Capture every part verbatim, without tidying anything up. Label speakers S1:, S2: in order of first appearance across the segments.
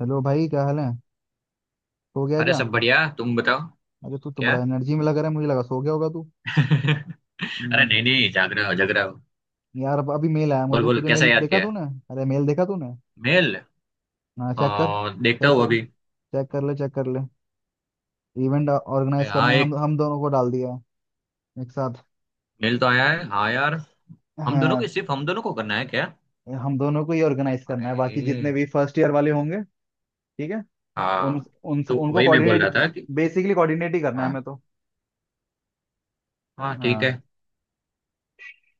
S1: Hello भाई, क्या हाल है। सो गया
S2: अरे
S1: क्या।
S2: सब बढ़िया। तुम बताओ।
S1: अरे तू तो
S2: क्या?
S1: बड़ा एनर्जी में लग रहा है, मुझे लगा सो गया होगा तू।
S2: अरे
S1: हम्म,
S2: नहीं नहीं, जाग रहा हो जाग रहा हो।
S1: यार अब अभी मेल आया
S2: बोल
S1: मुझे।
S2: बोल
S1: तुझे
S2: कैसा
S1: मेल
S2: याद
S1: देखा
S2: किया?
S1: तूने। अरे, मेल देखा तूने।
S2: मेल?
S1: हाँ, चेक कर
S2: आ, देखता
S1: चेक
S2: हूँ
S1: कर।
S2: अभी।
S1: चेक कर ले चेक कर ले। इवेंट
S2: अरे
S1: ऑर्गेनाइज
S2: हाँ,
S1: करना है, हम
S2: एक
S1: हम दोनों को डाल दिया है। एक साथ।
S2: मेल तो आया है हाँ यार। हम दोनों
S1: हाँ।
S2: के, सिर्फ हम दोनों को करना है क्या?
S1: हम दोनों को ही ऑर्गेनाइज करना है, बाकी
S2: अरे
S1: जितने भी फर्स्ट ईयर वाले होंगे। ठीक है। उन,
S2: हाँ।
S1: उन
S2: तो
S1: उनको
S2: वही मैं बोल
S1: कोऑर्डिनेट।
S2: रहा था कि
S1: बेसिकली कोऑर्डिनेट ही करना है हमें
S2: हाँ,
S1: तो।
S2: हाँ ठीक
S1: हाँ।
S2: है।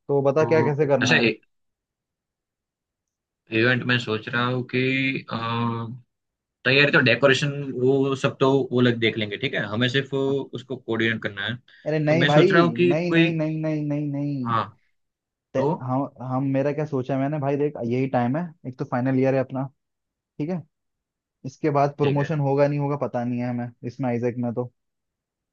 S1: तो बता क्या
S2: तो
S1: कैसे करना
S2: अच्छा,
S1: है।
S2: इवेंट में सोच रहा हूँ कि अ, तैयारी तो, डेकोरेशन वो सब तो वो लोग देख लेंगे, ठीक है हमें सिर्फ उसको कोऑर्डिनेट करना है।
S1: अरे
S2: तो
S1: नहीं
S2: मैं
S1: भाई।
S2: सोच रहा हूँ कि
S1: नहीं,
S2: कोई
S1: नहीं, नहीं, नहीं, नहीं, नहीं।
S2: हाँ
S1: ते-
S2: तो,
S1: हम हम मेरा क्या सोचा मैंने, भाई देख यही टाइम है। एक तो फाइनल ईयर है अपना। ठीक है। इसके बाद
S2: ठीक है।
S1: प्रमोशन होगा नहीं होगा पता नहीं है हमें, इसमें आइजैक में तो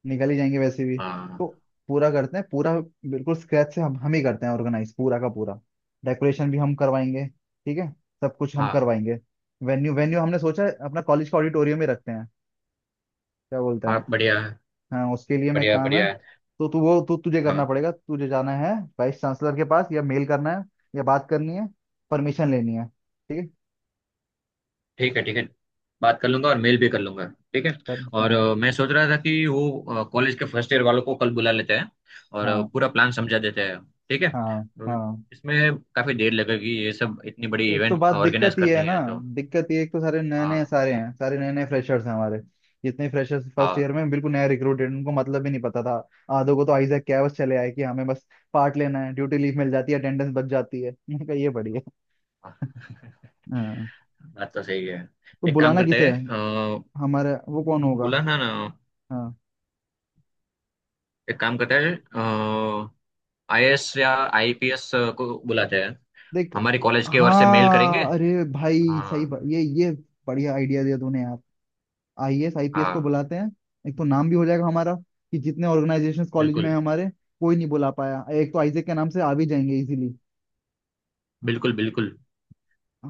S1: निकल ही जाएंगे वैसे भी।
S2: हाँ।
S1: तो पूरा करते हैं, पूरा बिल्कुल स्क्रैच से हम हम ही करते हैं ऑर्गेनाइज पूरा का पूरा। डेकोरेशन भी हम करवाएंगे। ठीक है। सब कुछ हम
S2: हाँ।
S1: करवाएंगे। वेन्यू वेन्यू हमने सोचा है अपना कॉलेज का ऑडिटोरियम ही रखते हैं। क्या बोलते
S2: हाँ।
S1: हैं।
S2: बढ़िया है।
S1: हाँ, उसके लिए मैं
S2: बढ़िया
S1: काम है।
S2: बढ़िया है।
S1: तो तू वो तू तुझे करना
S2: हाँ।
S1: पड़ेगा, तुझे जाना है। वाइस चांसलर के पास, या मेल करना है। या बात करनी है। परमिशन लेनी है। ठीक है।
S2: ठीक है ठीक है, बात कर लूंगा और मेल भी कर लूंगा। ठीक है।
S1: तब
S2: और
S1: हाँ।
S2: अ, मैं सोच रहा था कि वो कॉलेज के फर्स्ट ईयर वालों को कल बुला लेते हैं, और अ,
S1: हाँ,
S2: पूरा प्लान समझा देते हैं। ठीक है।
S1: हाँ,
S2: और
S1: हाँ।
S2: इसमें काफी देर लगेगी, ये सब इतनी बड़ी
S1: एक तो
S2: इवेंट
S1: बात दिक्कत
S2: ऑर्गेनाइज
S1: ही है
S2: करनी
S1: ना।
S2: है तो।
S1: दिक्कत ये एक तो सारे नए नए
S2: हाँ।
S1: सारे हैं सारे नए नए फ्रेशर्स हैं हमारे। जितने फ्रेशर्स फर्स्ट ईयर
S2: हाँ।
S1: में बिल्कुल नया रिक्रूटेड, उनको मतलब भी नहीं पता था। आधों को तो आइजैक क्या है, बस चले आए कि हमें बस पार्ट लेना है, ड्यूटी लीव मिल जाती है, अटेंडेंस बच जाती है। मैंने कहा ये बढ़िया।
S2: हाँ।
S1: हाँ।
S2: बात तो सही है।
S1: तो
S2: एक काम
S1: बुलाना
S2: करते
S1: किसे
S2: हैं,
S1: है।
S2: अ,
S1: हमारे वो कौन होगा।
S2: बुलाना ना।
S1: हाँ।
S2: एक काम करते हैं, आईएएस या आईपीएस को बुलाते हैं।
S1: देख।
S2: हमारी कॉलेज की ओर से मेल करेंगे।
S1: हाँ, अरे भाई सही
S2: हाँ।
S1: ब- ये ये बढ़िया आइडिया दिया तूने यार। आई A S I P S को
S2: हाँ।
S1: बुलाते हैं। एक तो नाम भी हो जाएगा हमारा, कि जितने ऑर्गेनाइजेशंस कॉलेज में
S2: बिल्कुल।
S1: है हमारे, कोई नहीं बुला पाया। एक तो आइजेक के नाम से आ भी जाएंगे इजीली।
S2: बिल्कुल बिल्कुल।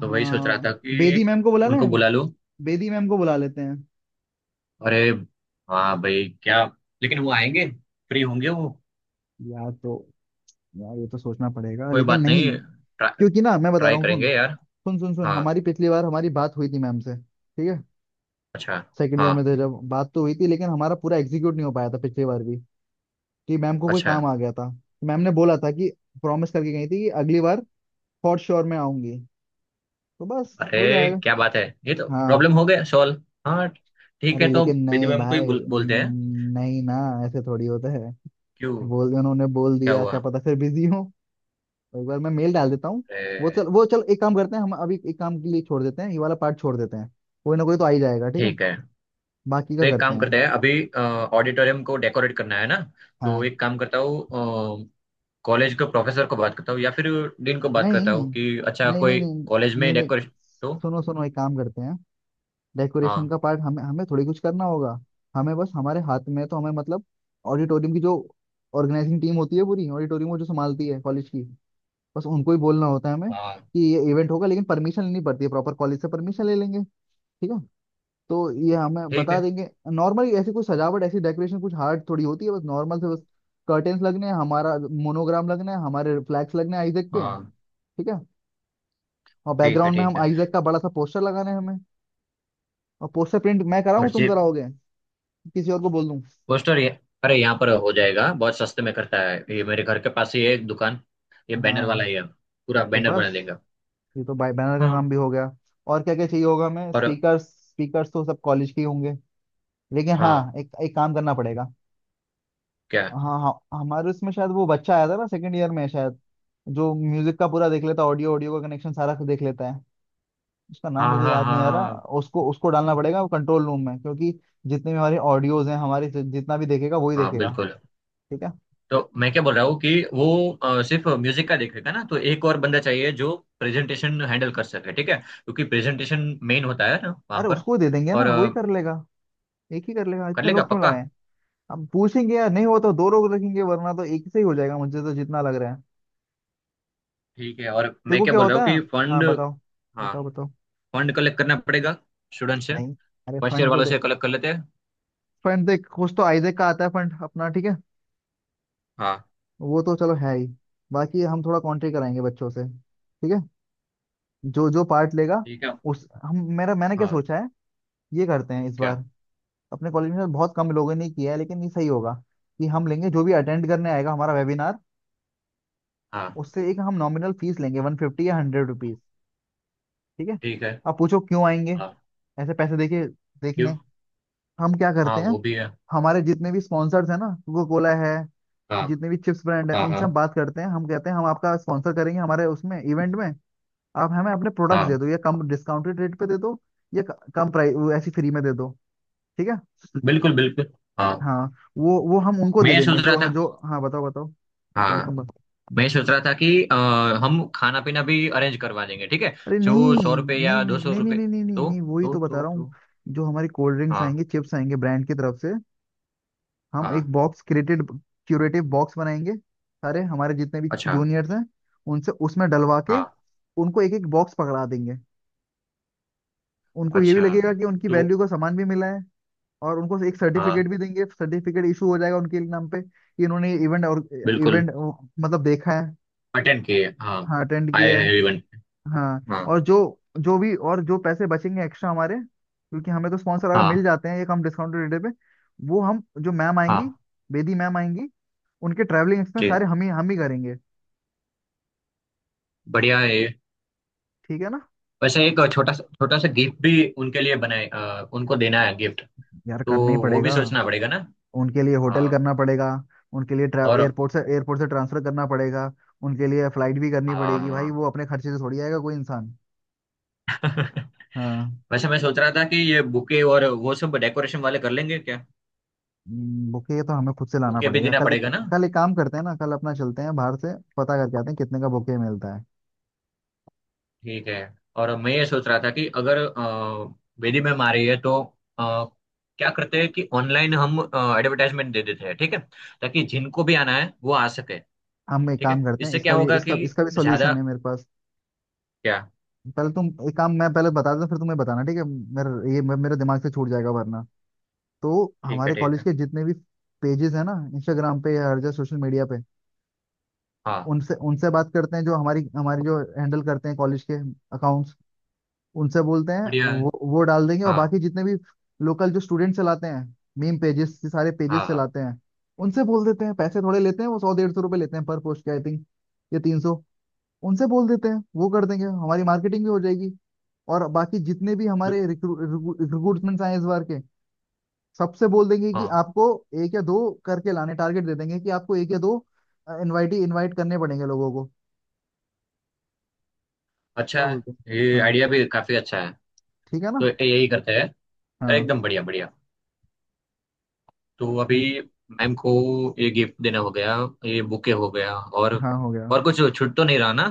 S2: तो वही सोच रहा था
S1: बेदी
S2: कि
S1: मैम को बुला
S2: उनको
S1: लें।
S2: बुला लो।
S1: बेदी मैम को बुला लेते हैं।
S2: अरे हाँ भाई, क्या, लेकिन वो आएंगे? फ्री होंगे वो?
S1: यार तो। यार ये तो सोचना पड़ेगा
S2: कोई
S1: लेकिन
S2: बात
S1: नहीं।
S2: नहीं। ट्रा,
S1: क्योंकि ना मैं बता
S2: ट्राई
S1: रहा हूँ, सुन।
S2: करेंगे यार।
S1: सुन सुन सुन,
S2: हाँ।
S1: हमारी पिछली बार हमारी बात हुई थी मैम से, ठीक है।
S2: अच्छा।
S1: सेकेंड ईयर में
S2: हाँ।
S1: थे जब, बात तो हुई थी लेकिन हमारा पूरा एग्जीक्यूट नहीं हो पाया था पिछली बार भी। कि मैम को कोई
S2: अच्छा।
S1: काम आ गया था, तो मैम ने बोला था कि प्रॉमिस करके गई थी कि अगली बार फॉर श्योर मैं आऊंगी। तो बस हो
S2: अरे
S1: जाएगा।
S2: क्या बात है, ये तो
S1: हाँ।
S2: प्रॉब्लम हो गया सॉल्व। हाँ। ठीक
S1: अरे
S2: है तो
S1: लेकिन
S2: बेदी
S1: नहीं
S2: मैम को ही
S1: भाई
S2: बोल, बोलते हैं।
S1: न- नहीं ना। ऐसे थोड़ी होता है।
S2: क्यों?
S1: बोल उन्होंने बोल
S2: क्या
S1: दिया क्या
S2: हुआ?
S1: पता फिर बिजी हो। तो एक बार मैं मेल डाल देता हूँ। वो
S2: अरे।
S1: चल वो चल एक काम करते हैं हम, अभी एक काम के लिए छोड़ देते हैं, ये वाला पार्ट छोड़ देते हैं। कोई ना कोई तो आ ही जाएगा, ठीक है।
S2: ठीक है,
S1: बाकी
S2: तो
S1: का
S2: एक
S1: करते
S2: काम करते
S1: हैं।
S2: हैं अभी। ऑडिटोरियम को डेकोरेट करना है ना, तो
S1: हाँ।
S2: एक काम करता हूँ, कॉलेज के प्रोफेसर को बात करता हूँ या फिर डीन को बात करता
S1: नहीं,
S2: हूँ कि अच्छा
S1: नहीं, नहीं,
S2: कोई
S1: नहीं,
S2: कॉलेज में
S1: नहीं, नहीं।
S2: डेकोरेशन तो।
S1: सुनो सुनो, एक काम करते हैं। डेकोरेशन
S2: हाँ।
S1: का पार्ट हमें हमें थोड़ी कुछ करना होगा। हमें बस हमारे हाथ में है, तो हमें मतलब ऑडिटोरियम की जो ऑर्गेनाइजिंग टीम होती है पूरी ऑडिटोरियम को जो संभालती है कॉलेज की, बस उनको ही बोलना होता है हमें
S2: हाँ।
S1: कि ये इवेंट होगा। लेकिन परमिशन लेनी पड़ती है प्रॉपर, कॉलेज से परमिशन ले लेंगे। ठीक है। तो ये हमें
S2: ठीक
S1: बता
S2: है।
S1: देंगे नॉर्मली। ऐसी कुछ सजावट ऐसी डेकोरेशन कुछ हार्ड थोड़ी होती है, बस नॉर्मल से बस कर्टेन्स लगने हैं, हमारा मोनोग्राम लगना है, हमारे फ्लैग्स लगने हैं आइजैक के।
S2: हाँ।
S1: ठीक है। और
S2: ठीक है
S1: बैकग्राउंड में हम
S2: ठीक है।
S1: आइजैक का बड़ा सा पोस्टर लगाना है हमें। और पोस्टर प्रिंट मैं कराऊं
S2: और
S1: तुम
S2: जी,
S1: कराओगे। किसी और को बोल दूं।
S2: पोस्टर ये, अरे यहाँ पर हो जाएगा, बहुत सस्ते में करता है ये, मेरे घर के पास ही है एक दुकान। ये बैनर
S1: हाँ।
S2: वाला ही है, पूरा
S1: तो
S2: बैनर बना
S1: बस
S2: देगा।
S1: ये तो बाय बैनर का
S2: हाँ।
S1: काम भी हो गया। और क्या क्या चाहिए होगा हमें,
S2: और
S1: स्पीकर्स। स्पीकर्स तो सब कॉलेज के ही होंगे। लेकिन
S2: हाँ।
S1: हाँ, एक एक काम करना पड़ेगा।
S2: क्या?
S1: हाँ हाँ, हमारे उसमें शायद वो बच्चा आया था ना सेकंड ईयर में शायद, जो म्यूजिक का पूरा देख लेता है, ऑडियो ऑडियो का कनेक्शन सारा देख लेता है। उसका नाम
S2: हाँ।
S1: मुझे
S2: हाँ।
S1: याद
S2: हाँ।
S1: नहीं आ रहा।
S2: हाँ।
S1: उसको उसको डालना पड़ेगा वो कंट्रोल रूम में, क्योंकि जितने भी हमारे ऑडियोज हैं हमारे, जि- जितना भी देखेगा वही
S2: हाँ
S1: देखेगा।
S2: बिल्कुल।
S1: ठीक है।
S2: तो मैं क्या बोल रहा हूँ कि वो अ, सिर्फ म्यूजिक का देखेगा ना, तो एक और बंदा चाहिए जो प्रेजेंटेशन हैंडल कर सके, ठीक है क्योंकि प्रेजेंटेशन मेन होता है ना वहाँ
S1: अरे
S2: पर।
S1: उसको दे देंगे
S2: और
S1: ना, वही
S2: अ,
S1: कर लेगा। एक ही कर लेगा,
S2: कर
S1: इतने
S2: लेगा
S1: लोग क्यों
S2: पक्का।
S1: लगाए। हम पूछेंगे यार, नहीं हो तो दो लोग रखेंगे, वरना तो एक से ही हो जाएगा मुझे तो जितना लग रहा है।
S2: ठीक है, और मैं
S1: देखो
S2: क्या
S1: क्या
S2: बोल रहा
S1: होता
S2: हूँ
S1: है।
S2: कि
S1: हाँ
S2: फंड।
S1: बताओ।
S2: हाँ।
S1: बताओ बताओ।
S2: फंड कलेक्ट करना पड़ेगा स्टूडेंट से।
S1: नहीं, अरे
S2: फर्स्ट ईयर
S1: फंड तो
S2: वालों
S1: दे।
S2: से कलेक्ट कर लेते हैं।
S1: फंड देख, कुछ तो आइजेक का आता है फंड अपना, ठीक है।
S2: हाँ।
S1: वो तो चलो है ही। बाकी हम थोड़ा कॉन्ट्री कराएंगे बच्चों से, ठीक है। जो जो पार्ट लेगा।
S2: ठीक है।
S1: उस हम मेरा मैंने क्या
S2: हाँ।
S1: सोचा है। ये करते हैं इस
S2: क्या?
S1: बार। अपने कॉलेज में बहुत कम लोगों ने किया है लेकिन ये सही होगा, कि हम लेंगे जो भी अटेंड करने आएगा हमारा वेबिनार,
S2: हाँ।
S1: उससे एक हम नॉमिनल फीस लेंगे, वन फिफ्टी या हंड्रेड रुपीज। ठीक है।
S2: ठीक है।
S1: आप पूछो क्यों आएंगे
S2: हाँ।
S1: ऐसे पैसे देके
S2: क्यों?
S1: देखने। हम क्या
S2: हाँ
S1: करते हैं,
S2: वो भी है।
S1: हमारे जितने भी स्पॉन्सर्स हैं ना, कोको कोला है,
S2: हाँ।
S1: जितने भी चिप्स ब्रांड है,
S2: हाँ। हाँ।
S1: उनसे हम बात करते हैं, हम कहते हैं हम आपका स्पॉन्सर करेंगे हमारे उसमें इवेंट में, आप हमें अपने प्रोडक्ट्स
S2: हाँ।
S1: दे दो, या कम डिस्काउंटेड रेट पे दे दो, या क- कम प्राइस ऐसी फ्री में दे दो। ठीक है।
S2: बिल्कुल बिल्कुल। हाँ।
S1: हाँ। वो वो हम उनको
S2: मैं
S1: दे
S2: ये
S1: देंगे
S2: सोच रहा
S1: जो
S2: था,
S1: जो, हाँ बताओ बताओ। पहले तुम
S2: हाँ,
S1: बताओ।
S2: मैं सोच रहा था कि अ, हम खाना पीना भी अरेंज करवा देंगे, ठीक है।
S1: अरे नहीं,
S2: जो सौ रुपये
S1: नहीं, नहीं,
S2: या
S1: नहीं,
S2: दो सौ
S1: नहीं,
S2: रुपये।
S1: नहीं, नहीं, नहीं,
S2: तो
S1: नहीं, वही
S2: तो
S1: तो बता
S2: तो
S1: रहा हूँ।
S2: तो।
S1: जो हमारी कोल्ड ड्रिंक्स आएंगी,
S2: हाँ।
S1: चिप्स आएंगे ब्रांड की तरफ से, हम
S2: हाँ।
S1: एक बॉक्स क्रिएटेड क्यूरेटिव बॉक्स बनाएंगे। सारे हमारे जितने भी
S2: अच्छा।
S1: जूनियर्स हैं, उनसे उसमें डलवा के,
S2: हाँ।
S1: उनको एक एक बॉक्स पकड़ा देंगे। उनको ये भी
S2: अच्छा।
S1: लगेगा कि उनकी
S2: तो।
S1: वैल्यू का सामान भी मिला है। और उनको एक
S2: हाँ।
S1: सर्टिफिकेट भी देंगे, सर्टिफिकेट इशू हो जाएगा उनके नाम पे कि इन्होंने इवेंट और
S2: बिल्कुल।
S1: इवेंट मतलब देखा है।
S2: अटेंड किए हाँ।
S1: हाँ अटेंड
S2: आए
S1: किया है।
S2: हैं इवेंट।
S1: हाँ
S2: हाँ।
S1: और जो जो भी, और जो पैसे बचेंगे एक्स्ट्रा हमारे, क्योंकि हमें तो स्पॉन्सर अगर मिल
S2: हाँ।
S1: जाते हैं ये कम डिस्काउंटेड रेट पे, वो हम जो मैम आएंगी,
S2: हाँ।
S1: बेदी मैम आएंगी, उनके ट्रैवलिंग
S2: जी,
S1: एक्सपेंस सारे हम ही हम ही करेंगे।
S2: बढ़िया है ये।
S1: ठीक है ना।
S2: वैसे एक छोटा सा छोटा सा गिफ्ट भी उनके लिए बनाए, अ, उनको देना है गिफ्ट,
S1: यार
S2: तो
S1: करना ही
S2: वो भी
S1: पड़ेगा।
S2: सोचना पड़ेगा ना।
S1: उनके लिए
S2: हाँ।
S1: होटल करना पड़ेगा। उनके लिए
S2: और।
S1: एयरपोर्ट से एयरपोर्ट से ट्रांसफर करना पड़ेगा। उनके लिए फ्लाइट भी करनी पड़ेगी भाई,
S2: हाँ।
S1: वो अपने खर्चे से थोड़ी आएगा कोई इंसान। हाँ।
S2: वैसे मैं सोच रहा था कि ये बुके और वो सब डेकोरेशन वाले कर लेंगे क्या?
S1: बुके तो हमें खुद से लाना
S2: बुके भी
S1: पड़ेगा।
S2: देना
S1: कल एक,
S2: पड़ेगा ना।
S1: कल एक काम करते हैं ना, कल अपना चलते हैं बाहर से पता करके आते हैं कितने का बुके मिलता है।
S2: ठीक है। और मैं ये सोच रहा था कि अगर अ, वेदी मैम आ रही है तो अ, क्या करते हैं कि ऑनलाइन हम एडवर्टाइजमेंट दे देते हैं, ठीक है, ताकि जिनको भी आना है वो आ सके।
S1: हम एक
S2: ठीक
S1: काम
S2: है,
S1: करते हैं,
S2: इससे
S1: इसका
S2: क्या
S1: भी
S2: होगा कि
S1: इसका इसका भी
S2: ज्यादा।
S1: सॉल्यूशन है मेरे पास।
S2: क्या?
S1: पहले तुम एक काम, मैं पहले बता देता हूँ, फिर तुम्हें बताना, ठीक है। मेरा ये मे- मेरे दिमाग से छूट जाएगा वरना। तो
S2: ठीक है।
S1: हमारे
S2: ठीक
S1: कॉलेज
S2: है।
S1: के जितने भी पेजेस हैं ना इंस्टाग्राम पे या हर जगह सोशल मीडिया पे,
S2: हाँ।
S1: उनसे उनसे बात करते हैं, जो हमारी हमारी जो हैंडल करते हैं कॉलेज के अकाउंट्स, उनसे बोलते हैं,
S2: बढ़िया है।
S1: वो वो डाल देंगे। और
S2: हाँ।
S1: बाकी जितने भी लोकल जो स्टूडेंट चलाते हैं, मीम पेजेस, सारे पेजेस
S2: हाँ। हाँ।
S1: चलाते हैं, उनसे बोल देते हैं। पैसे थोड़े लेते हैं वो, सौ डेढ़ सौ रुपये लेते हैं पर पोस्ट के आई थिंक, या तीन सौ। उनसे बोल देते हैं, वो कर देंगे, हमारी मार्केटिंग भी हो जाएगी। और बाकी जितने भी
S2: बि-
S1: हमारे रिक्रूटमेंट्स आए इस बार के, सबसे बोल देंगे कि
S2: हाँ।
S1: आपको एक या दो करके लाने, टारगेट दे देंगे कि आपको एक या दो इनवाइटी इनवाइट करने पड़ेंगे लोगों को। क्या
S2: अच्छा है,
S1: बोलते हैं।
S2: ये
S1: हाँ।
S2: आइडिया भी काफी अच्छा है,
S1: ठीक है ना।
S2: तो यही करते हैं।
S1: हाँ।
S2: एकदम बढ़िया बढ़िया। तो अभी
S1: हम्म,
S2: मैम को ये गिफ्ट देना हो गया, ये बुके हो गया, और
S1: हाँ हो गया।
S2: और कुछ छूट तो नहीं रहा ना?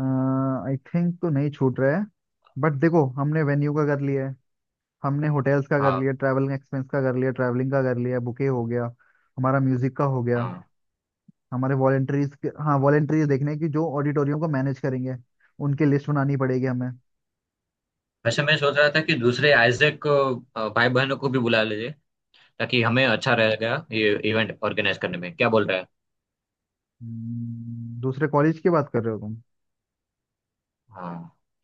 S1: आई थिंक तो नहीं छूट रहा है। बट देखो, हमने वेन्यू का कर लिया है, हमने होटल्स का कर
S2: हाँ।
S1: लिया, ट्रैवलिंग एक्सपेंस का कर लिया, ट्रैवलिंग का कर लिया, बुके हो गया, हमारा म्यूजिक का हो गया,
S2: हाँ।
S1: हमारे वॉलेंटरीज, हाँ वॉलेंटरीज देखने की, जो ऑडिटोरियम को मैनेज करेंगे, उनकी लिस्ट बनानी पड़ेगी हमें।
S2: वैसे मैं सोच रहा था कि दूसरे आइजैक भाई बहनों को भी बुला लीजिए, ताकि हमें अच्छा रहेगा ये इवेंट ऑर्गेनाइज करने में, क्या बोल रहा है?
S1: हम्म, दूसरे कॉलेज की बात कर रहे हो तुम।
S2: हाँ,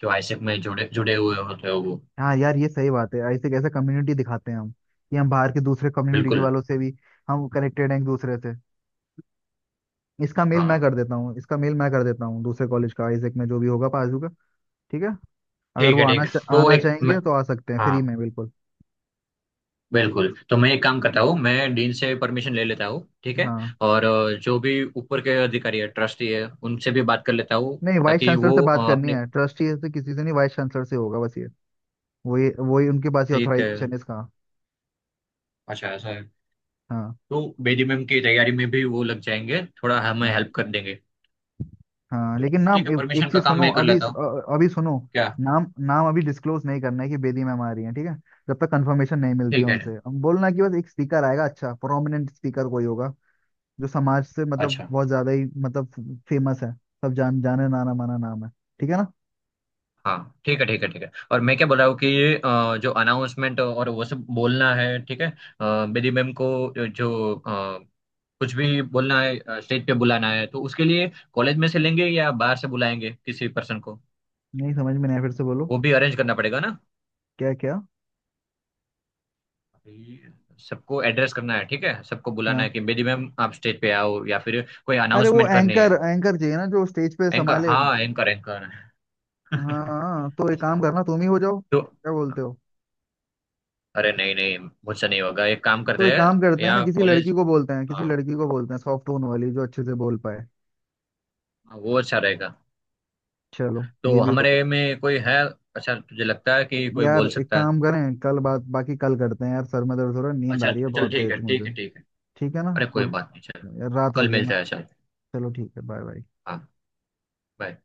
S2: जो आइजैक में जुड़े जुड़े हुए होते हो वो।
S1: हाँ यार, ये सही बात है, ऐसे कैसे कम्युनिटी दिखाते हैं हम, कि हम बाहर के दूसरे कम्युनिटी के
S2: बिल्कुल।
S1: वालों से भी हम कनेक्टेड हैं एक दूसरे से। इसका मेल मैं
S2: हाँ।
S1: कर देता हूँ, इसका मेल मैं कर देता हूँ दूसरे कॉलेज का, आइजेक में जो भी होगा पाजू का। ठीक है। अगर
S2: ठीक
S1: वो
S2: है
S1: आना
S2: ठीक
S1: चा,
S2: है। तो
S1: आना
S2: एक मैं-
S1: चाहेंगे तो आ सकते हैं
S2: हाँ
S1: फ्री में बिल्कुल।
S2: बिल्कुल। तो मैं एक काम करता हूँ, मैं डीन से परमिशन ले लेता हूँ ठीक है,
S1: हाँ।
S2: और अ, जो भी ऊपर के अधिकारी है ट्रस्टी है उनसे भी बात कर लेता हूँ,
S1: नहीं वाइस
S2: ताकि
S1: चांसलर से
S2: वो
S1: बात
S2: अ,
S1: करनी
S2: अपने।
S1: है, ट्रस्टी से किसी से नहीं, वाइस चांसलर से होगा बस ये। वही वही उनके पास ही
S2: ठीक है।
S1: ऑथराइजेशन है इसका।
S2: अच्छा ऐसा है।
S1: हाँ,
S2: तो बेदी मैम की तैयारी में भी वो लग जाएंगे, थोड़ा हमें
S1: हाँ,
S2: हेल्प कर देंगे।
S1: हाँ।
S2: तो
S1: लेकिन नाम
S2: ठीक है,
S1: एक,
S2: परमिशन
S1: एक
S2: का
S1: चीज
S2: काम
S1: सुनो
S2: मैं कर
S1: अभी,
S2: लेता हूँ।
S1: अ- अभी सुनो।
S2: क्या?
S1: नाम नाम अभी डिस्क्लोज नहीं करना है कि बेदी मैम आ रही है, ठीक है। जब तक कंफर्मेशन नहीं मिलती है
S2: ठीक है।
S1: उनसे, हम बोलना कि बस एक स्पीकर आएगा, अच्छा प्रोमिनेंट स्पीकर कोई होगा, जो समाज से मतलब
S2: अच्छा।
S1: बहुत ज्यादा ही मतलब फेमस है, सब जान जाने नाना माना नाम है। ठीक है ना।
S2: हाँ। ठीक है ठीक है ठीक है। और मैं क्या बोल रहा हूँ कि ये अ, जो अनाउंसमेंट और वो सब बोलना है, ठीक है अ, बेदी मैम को, जो अ, कुछ भी बोलना है स्टेज पे बुलाना है, तो उसके लिए कॉलेज में से लेंगे या बाहर से बुलाएंगे किसी पर्सन को?
S1: नहीं समझ में नहीं आया, फिर से बोलो।
S2: वो भी अरेंज करना पड़ेगा ना
S1: क्या क्या।
S2: ये। सबको एड्रेस करना है, ठीक है सबको बुलाना है
S1: हाँ,
S2: कि बेदी मैम आप स्टेज पे आओ या फिर कोई
S1: अरे वो
S2: अनाउंसमेंट करनी
S1: एंकर
S2: है।
S1: एंकर चाहिए ना जो स्टेज पे
S2: एंकर
S1: संभाले।
S2: हाँ, एंकर एंकर।
S1: हाँ हाँ, तो एक
S2: अच्छा।
S1: काम करना तुम ही हो जाओ,
S2: तो
S1: क्या बोलते हो।
S2: अरे नहीं नहीं, मुझसे नहीं होगा, एक काम
S1: तो
S2: करते
S1: एक काम
S2: हैं
S1: करते हैं ना,
S2: या
S1: किसी लड़की
S2: कॉलेज।
S1: को बोलते हैं, किसी
S2: हाँ
S1: लड़की को बोलते हैं सॉफ्ट टोन वाली जो अच्छे से बोल पाए।
S2: हाँ, वो अच्छा रहेगा।
S1: चलो, ये
S2: तो
S1: भी हो
S2: हमारे
S1: जाएगा।
S2: में कोई है? अच्छा, तुझे लगता है कि कोई
S1: यार
S2: बोल
S1: एक
S2: सकता है?
S1: काम करें, कल बात, बाकी कल करते हैं यार, सर में दर्द हो रहा है, नींद आ
S2: अच्छा
S1: रही है
S2: चल,
S1: बहुत
S2: ठीक है
S1: तेज
S2: ठीक
S1: मुझे।
S2: है ठीक है।
S1: ठीक है ना,
S2: अरे कोई
S1: गुड।
S2: बात नहीं चल।
S1: यार रात हो
S2: कल
S1: रही है ना।
S2: मिलते हैं चल।
S1: चलो ठीक है, बाय बाय।
S2: हाँ। bye।